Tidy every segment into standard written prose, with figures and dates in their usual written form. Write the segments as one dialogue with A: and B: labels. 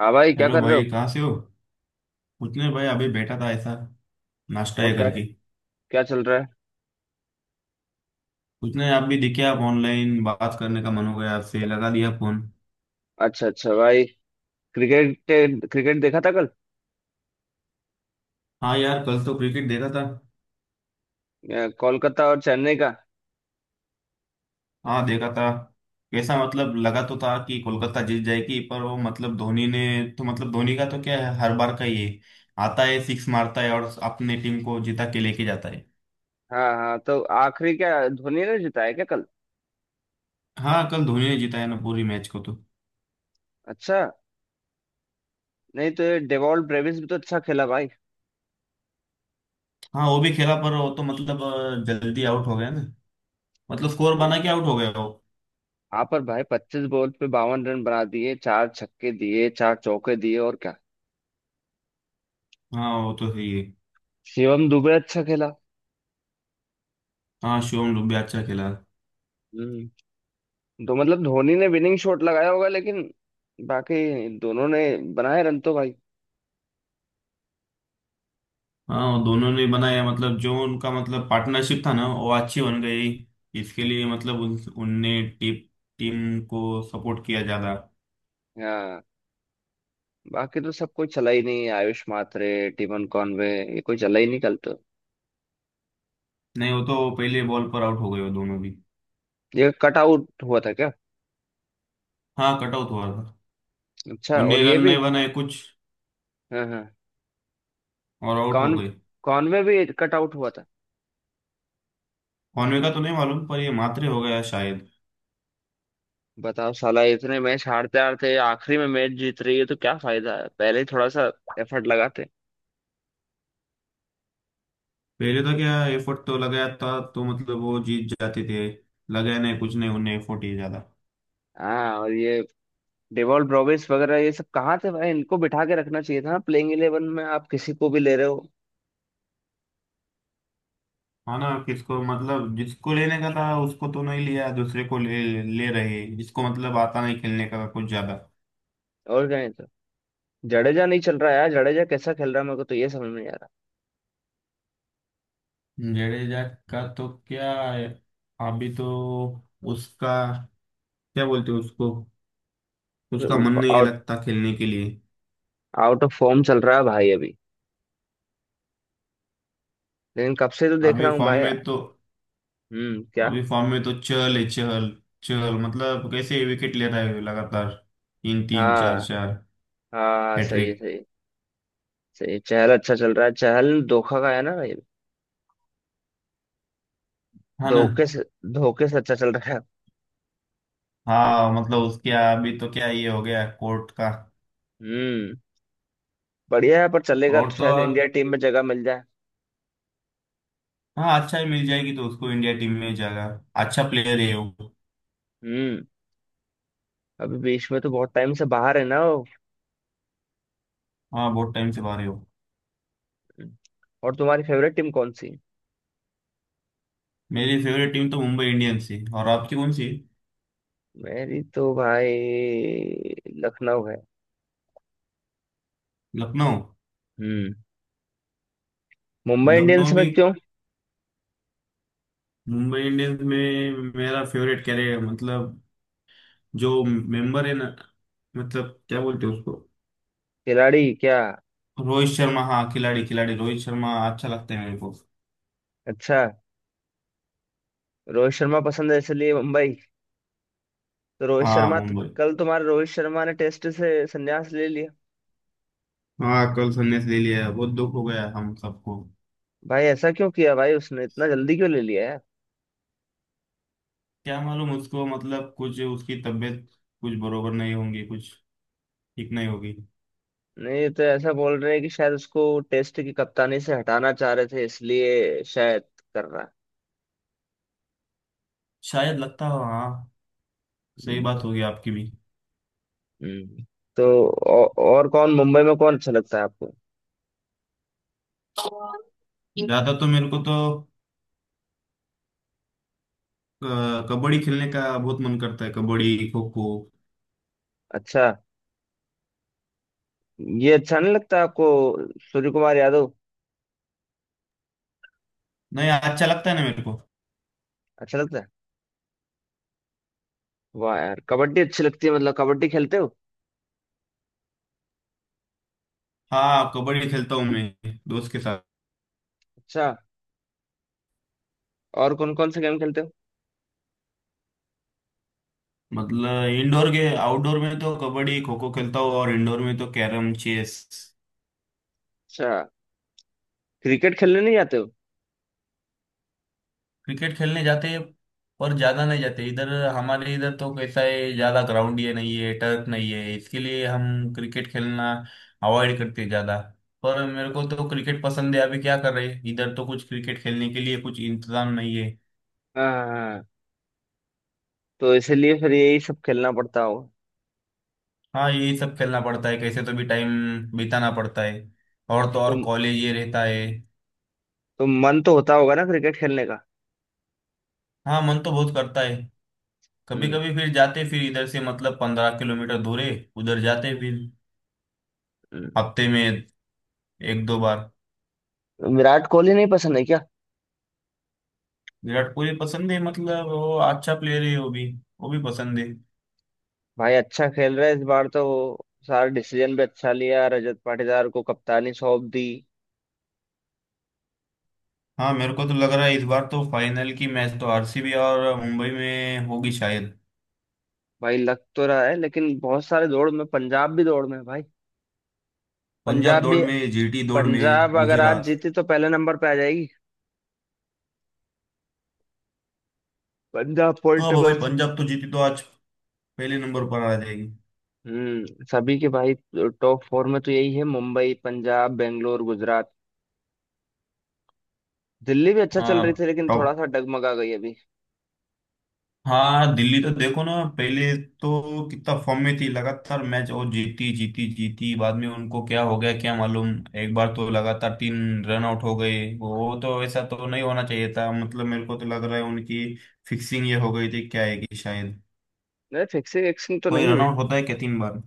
A: हाँ भाई, क्या
B: हेलो
A: कर रहे
B: भाई,
A: हो?
B: कहाँ से हो। कुछ नहीं भाई, अभी बैठा था ऐसा नाश्ता
A: और
B: ये
A: क्या?
B: करके।
A: क्या चल रहा है?
B: कुछ नहीं, आप भी दिखे, आप ऑनलाइन, बात करने का मन हो गया, आपसे लगा दिया फोन।
A: अच्छा अच्छा भाई। क्रिकेट, क्रिकेट देखा था कल।
B: हाँ यार, कल तो क्रिकेट देखा था।
A: कोलकाता और चेन्नई का।
B: हाँ देखा था। कैसा मतलब लगा तो था कि कोलकाता जीत जाएगी, पर वो मतलब धोनी ने। तो मतलब धोनी का तो क्या है, हर बार का ये आता है, सिक्स मारता है और अपने टीम को जिता के लेके जाता है।
A: हाँ हाँ, तो आखिरी क्या धोनी ने जीता है क्या कल?
B: हाँ, कल धोनी ने जिताया ना पूरी मैच को तो।
A: अच्छा। नहीं, तो ये डेवॉल्ट ब्रेविस भी तो अच्छा खेला भाई।
B: हाँ वो भी खेला, पर वो तो मतलब जल्दी आउट हो गया ना। मतलब स्कोर बना के आउट हो गया वो।
A: हाँ पर भाई, 25 बॉल पे 52 रन बना दिए, चार छक्के दिए, चार चौके दिए, और क्या।
B: हाँ वो तो सही है।
A: शिवम दुबे अच्छा खेला।
B: हाँ, शिवम डुबे अच्छा खेला।
A: हम्म। तो मतलब धोनी ने विनिंग शॉट लगाया होगा, लेकिन बाकी दोनों ने बनाए रन तो भाई।
B: हाँ वो दोनों ने बनाया, मतलब जो उनका मतलब पार्टनरशिप था ना, वो अच्छी बन गई। इसके लिए मतलब उनने टीम टीम को सपोर्ट किया ज्यादा।
A: हाँ, बाकी तो सब कोई चला ही नहीं, आयुष मात्रे, टिमन कॉनवे, ये कोई चला ही नहीं कल तो।
B: नहीं, वो तो पहले बॉल पर आउट हो गए वो दोनों भी।
A: ये कट आउट हुआ था क्या?
B: हाँ कट आउट हुआ था।
A: अच्छा, और
B: उनने
A: ये
B: रन
A: भी?
B: नहीं बनाए कुछ
A: हाँ हाँ।
B: और आउट हो
A: कॉन
B: गए।
A: कॉनवे भी कट आउट हुआ था?
B: कॉनवे का तो नहीं मालूम, पर ये मात्रे हो गया शायद।
A: बताओ साला, इतने मैच हारते हारते आखिरी में मैच जीत रही है, तो क्या फायदा है, पहले ही थोड़ा सा एफर्ट लगाते।
B: पहले तो क्या, एफर्ट तो लगाया था, तो मतलब वो जीत जाते थे। लगाया नहीं कुछ, नहीं उन्हें एफर्ट ही ज्यादा।
A: हाँ, और ये डेवॉल ब्रोवेस वगैरह ये सब कहाँ थे भाई, इनको बिठा के रखना चाहिए था। प्लेइंग 11 में आप किसी को भी ले रहे हो।
B: हाँ ना, किसको मतलब, जिसको लेने का था उसको तो नहीं लिया, दूसरे को ले ले रहे, जिसको मतलब आता नहीं खेलने का कुछ ज्यादा।
A: और क्या है तो। जडेजा नहीं चल रहा है यार, जडेजा कैसा खेल रहा है, मेरे को तो ये समझ में नहीं आ
B: जडेजा का तो क्या है, अभी तो उसका, क्या बोलते हैं उसको, उसका मन नहीं
A: रहा।
B: लगता खेलने के लिए।
A: आउट ऑफ फॉर्म चल रहा है भाई अभी, लेकिन कब से तो देख
B: अभी
A: रहा हूँ
B: फॉर्म
A: भाई।
B: में तो,
A: हम्म, क्या?
B: अभी फॉर्म में तो चहल है, चहल। चहल मतलब कैसे विकेट ले रहा है लगातार, तीन तीन
A: हाँ
B: चार चार,
A: हाँ, सही है,
B: हैट्रिक।
A: सही है, सही है। चहल अच्छा चल रहा है, चहल धोखा का है ना भाई।
B: हाँ ना।
A: धोखे से, धोखे से अच्छा चल रहा है।
B: हाँ मतलब उसके अभी तो क्या ये हो गया कोर्ट का।
A: हम्म। बढ़िया है, पर चलेगा
B: और
A: तो
B: तो
A: शायद
B: और,
A: इंडिया टीम में जगह मिल जाए।
B: हाँ अच्छा ही मिल जाएगी तो उसको इंडिया टीम में जगह। अच्छा प्लेयर है वो।
A: हम्म। अभी बीच में तो बहुत टाइम से बाहर है ना वो।
B: हाँ बहुत टाइम से बाहर है वो।
A: और तुम्हारी फेवरेट टीम कौन सी?
B: मेरी फेवरेट टीम तो मुंबई इंडियंस है, और आपकी कौन सी।
A: मेरी तो भाई लखनऊ है।
B: लखनऊ।
A: हम्म। मुंबई इंडियंस
B: लखनऊ
A: में
B: भी।
A: क्यों?
B: मुंबई इंडियंस में मेरा फेवरेट कैरे मतलब, जो मेंबर है ना, मतलब क्या बोलते हैं उसको,
A: खिलाड़ी क्या?
B: रोहित शर्मा। हाँ, खिलाड़ी खिलाड़ी रोहित शर्मा अच्छा लगता है मेरे को।
A: अच्छा। रोहित शर्मा पसंद है इसलिए मुंबई। तो रोहित
B: हाँ,
A: शर्मा तो
B: मुंबई।
A: कल, तुम्हारे रोहित शर्मा ने टेस्ट से संन्यास ले लिया।
B: हाँ कल संन्यास ले लिया, बहुत दुख हो गया हम सबको।
A: भाई ऐसा क्यों किया भाई, उसने इतना जल्दी क्यों ले लिया यार?
B: क्या मालूम उसको, मतलब कुछ उसकी तबीयत कुछ बरोबर नहीं होंगी, कुछ ठीक नहीं होगी।
A: नहीं, ये तो ऐसा बोल रहे हैं कि शायद उसको टेस्ट की कप्तानी से हटाना चाह रहे थे, इसलिए शायद कर रहा है।
B: शायद लगता हो, हाँ। सही
A: हम्म,
B: बात होगी आपकी भी।
A: हम्म। तो और कौन मुंबई में कौन अच्छा लगता है आपको?
B: ज्यादा तो मेरे को तो अ, कबड्डी खेलने का बहुत मन करता है, कबड्डी खो खो।
A: अच्छा। ये अच्छा नहीं लगता आपको? सूर्य कुमार यादव?
B: नहीं, अच्छा लगता है ना मेरे को।
A: अच्छा लगता है। वाह यार, कबड्डी अच्छी लगती है, मतलब कबड्डी खेलते हो?
B: हाँ, कबड्डी खेलता हूँ मैं दोस्त के साथ।
A: अच्छा। और कौन कौन से गेम खेलते हो?
B: मतलब इंडोर के आउटडोर में तो कबड्डी खो खो खेलता हूँ, और इंडोर में तो कैरम चेस।
A: अच्छा। क्रिकेट खेलने नहीं जाते हो?
B: क्रिकेट खेलने जाते हैं, पर ज्यादा नहीं जाते इधर। हमारे इधर तो कैसा है, ज्यादा ग्राउंड ये नहीं है, टर्फ नहीं है, इसके लिए हम क्रिकेट खेलना अवॉइड करते हैं ज्यादा। पर मेरे को तो क्रिकेट पसंद है, अभी क्या कर रहे हैं, इधर तो कुछ क्रिकेट खेलने के लिए कुछ इंतजाम नहीं है।
A: हाँ हाँ, हाँ। तो इसलिए फिर यही सब खेलना पड़ता होगा।
B: हाँ, यही सब खेलना पड़ता है, कैसे तो भी टाइम बिताना पड़ता है। और तो
A: तो,
B: और, कॉलेज ये रहता है।
A: तो मन तो होता होगा ना क्रिकेट खेलने का?
B: हाँ, मन तो बहुत करता है। कभी
A: हम्म।
B: कभी फिर जाते, फिर इधर से मतलब 15 किलोमीटर दूर है, उधर जाते, फिर
A: हम्म।
B: हफ्ते में एक दो बार।
A: विराट कोहली नहीं पसंद है क्या?
B: विराट कोहली पसंद है, मतलब वो अच्छा प्लेयर है, वो भी पसंद है।
A: भाई अच्छा खेल रहा है इस बार तो, सारे डिसीजन भी अच्छा लिया, रजत पाटीदार को कप्तानी सौंप दी।
B: हाँ मेरे को तो लग रहा है इस बार तो फाइनल की मैच तो आरसीबी और मुंबई में होगी शायद।
A: भाई लग तो रहा है, लेकिन बहुत सारे दौड़ में, पंजाब भी दौड़ में है भाई।
B: पंजाब
A: पंजाब
B: दौड़
A: भी।
B: में, जीटी दौड़ में,
A: पंजाब अगर आज
B: गुजरात।
A: जीती तो पहले नंबर पे आ जाएगी, पंजाब पॉइंट
B: हाँ
A: टेबल
B: भाई
A: से।
B: पंजाब तो जीती तो आज पहले नंबर पर आ जाएगी।
A: हम्म, सभी के भाई। टॉप फोर में तो यही है, मुंबई, पंजाब, बेंगलोर, गुजरात। दिल्ली भी अच्छा चल
B: हाँ
A: रही थी लेकिन थोड़ा
B: टॉप।
A: सा डगमगा गई अभी।
B: हाँ, दिल्ली तो देखो ना, पहले तो कितना फॉर्म में थी, लगातार मैच और जीती जीती जीती, बाद में उनको क्या हो गया क्या मालूम। एक बार तो लगातार तीन रन आउट हो गए, वो तो ऐसा तो नहीं होना चाहिए था, मतलब मेरे को तो लग रहा है उनकी फिक्सिंग ये हो गई थी क्या है कि शायद।
A: नहीं, फिक्सिंग विक्सिंग तो
B: कोई
A: नहीं
B: रन
A: हुई।
B: आउट होता है क्या तीन बार।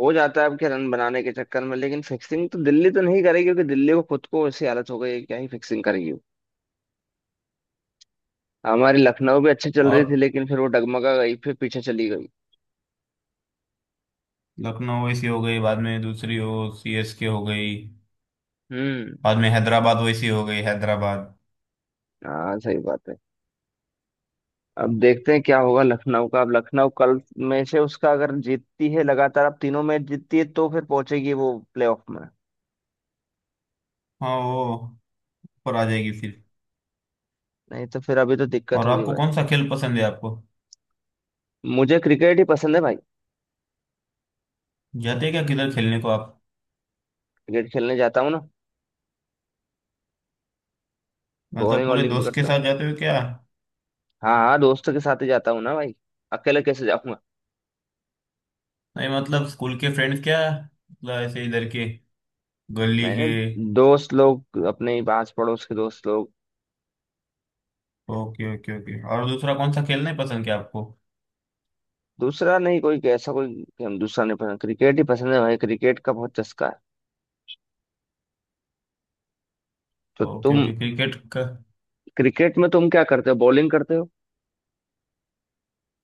A: हो जाता है अब के, रन बनाने के चक्कर में, लेकिन फिक्सिंग तो दिल्ली तो नहीं करेगी क्योंकि दिल्ली को खुद को ऐसी हालत हो गई है कि क्या ही फिक्सिंग करेगी वो। हमारी लखनऊ भी अच्छी चल रही
B: और
A: थी, लेकिन फिर वो डगमगा गई, फिर पीछे चली गई।
B: लखनऊ वैसी हो गई बाद में, दूसरी हो सीएसके हो गई।
A: हम्म।
B: बाद में हैदराबाद वैसी हो गई, हैदराबाद।
A: हाँ, सही बात है। अब देखते हैं क्या होगा लखनऊ का, अब लखनऊ कल में से उसका अगर जीतती है लगातार, अब तीनों मैच जीतती है तो फिर पहुंचेगी वो प्लेऑफ में।
B: हाँ वो ऊपर आ जाएगी फिर।
A: नहीं तो फिर अभी तो दिक्कत
B: और
A: होगी
B: आपको
A: भाई।
B: कौन सा खेल पसंद है आपको।
A: मुझे क्रिकेट ही पसंद है भाई।
B: जाते हैं क्या किधर खेलने को आप।
A: क्रिकेट खेलने जाता हूँ ना।
B: मतलब
A: बॉलिंग
B: पूरे
A: वॉलिंग
B: दोस्त के
A: पकड़ता
B: साथ
A: हूँ।
B: जाते हो क्या।
A: हाँ हाँ, दोस्तों के साथ ही जाता हूँ ना भाई, अकेले कैसे जाऊंगा?
B: नहीं मतलब स्कूल के फ्रेंड्स क्या, मतलब ऐसे इधर के, गली
A: नहीं
B: के।
A: नहीं, दोस्त लोग अपने ही पास पड़ोस के दोस्त लोग।
B: ओके ओके ओके, और दूसरा कौन सा खेलना है पसंद क्या आपको।
A: दूसरा नहीं, कोई ऐसा कोई कि हम, दूसरा नहीं पसंद, क्रिकेट ही पसंद है भाई, क्रिकेट का बहुत चस्का है। तो
B: ओके
A: तुम,
B: ओके, क्रिकेट का।
A: क्रिकेट में तुम क्या करते हो, बॉलिंग करते हो?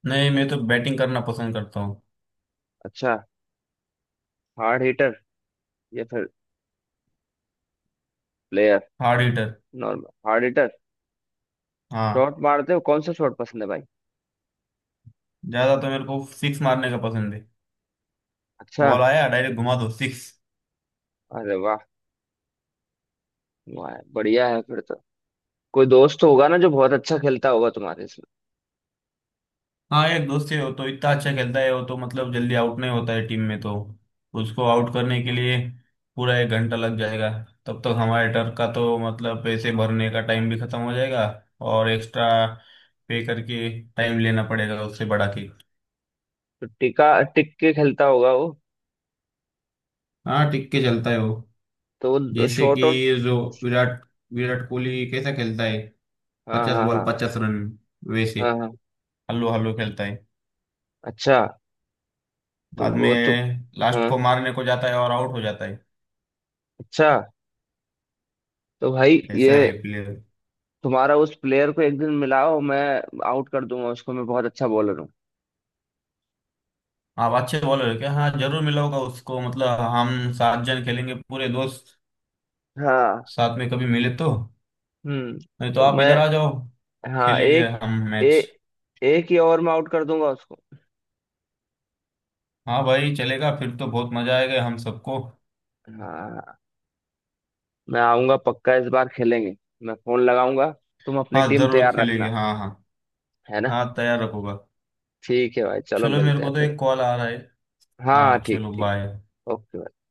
B: नहीं, मैं तो बैटिंग करना पसंद करता हूँ।
A: अच्छा। हार्ड हिटर या फिर player?
B: Hard hitter.
A: Normal hard hitter.
B: हाँ।
A: शॉट मारते हो, कौन सा शॉट पसंद है भाई?
B: ज्यादा तो मेरे को सिक्स मारने का पसंद है।
A: अच्छा।
B: बॉल आया, डायरेक्ट घुमा दो, सिक्स।
A: अरे वाह। वाह बढ़िया है, फिर तो कोई दोस्त होगा ना जो बहुत अच्छा खेलता होगा तुम्हारे इसमें।
B: हाँ यार, दोस्त है, वो तो इतना अच्छा खेलता है, वो तो मतलब जल्दी आउट नहीं होता है, टीम में तो उसको आउट करने के लिए पूरा एक घंटा लग जाएगा। तब तक हमारे टर्फ का तो मतलब पैसे भरने का टाइम भी खत्म हो जाएगा, और एक्स्ट्रा पे करके टाइम लेना पड़ेगा उससे बढ़ा के।
A: तो टिका टिक के खेलता होगा वो।
B: हाँ, टिक के चलता है वो।
A: तो वो
B: जैसे
A: शॉर्ट
B: कि
A: आउट।
B: जो विराट, विराट कोहली कैसा खेलता है,
A: हाँ
B: पचास
A: हाँ
B: बॉल
A: हाँ।
B: 50 रन, वैसे
A: हाँ हाँ।
B: हल्लो हल्लो खेलता है।
A: अच्छा। तो
B: बाद में
A: वो तो।
B: लास्ट
A: हाँ।
B: को मारने को जाता है और आउट हो जाता है।
A: अच्छा। तो भाई ये,
B: ऐसा है प्लेयर।
A: तुम्हारा उस प्लेयर को एक दिन मिलाओ, मैं आउट कर दूंगा उसको, मैं बहुत अच्छा बॉलर हूँ।
B: आप अच्छे बॉलर क्या, हाँ जरूर मिलाऊंगा उसको, मतलब हम 7 जन खेलेंगे पूरे दोस्त
A: हाँ।
B: साथ में, कभी मिले तो।
A: हम्म।
B: नहीं तो
A: तो
B: आप
A: मैं।
B: इधर आ जाओ,
A: हाँ,
B: खेलेंगे
A: एक।
B: हम मैच।
A: ए, एक ही ओवर में आउट कर दूंगा उसको।
B: हाँ भाई चलेगा, फिर तो बहुत मजा आएगा हम सबको।
A: हाँ। मैं आऊंगा पक्का, इस बार खेलेंगे, मैं फोन लगाऊंगा, तुम अपनी
B: हाँ
A: टीम
B: जरूर
A: तैयार
B: खेलेंगे,
A: रखना।
B: हाँ हाँ।
A: है ना?
B: हाँ तैयार रखूंगा।
A: ठीक है भाई, चलो
B: चलो, मेरे
A: मिलते हैं
B: को तो
A: फिर।
B: एक कॉल आ रहा है।
A: हाँ हाँ,
B: हाँ
A: ठीक
B: चलो,
A: ठीक।
B: बाय।
A: ओके।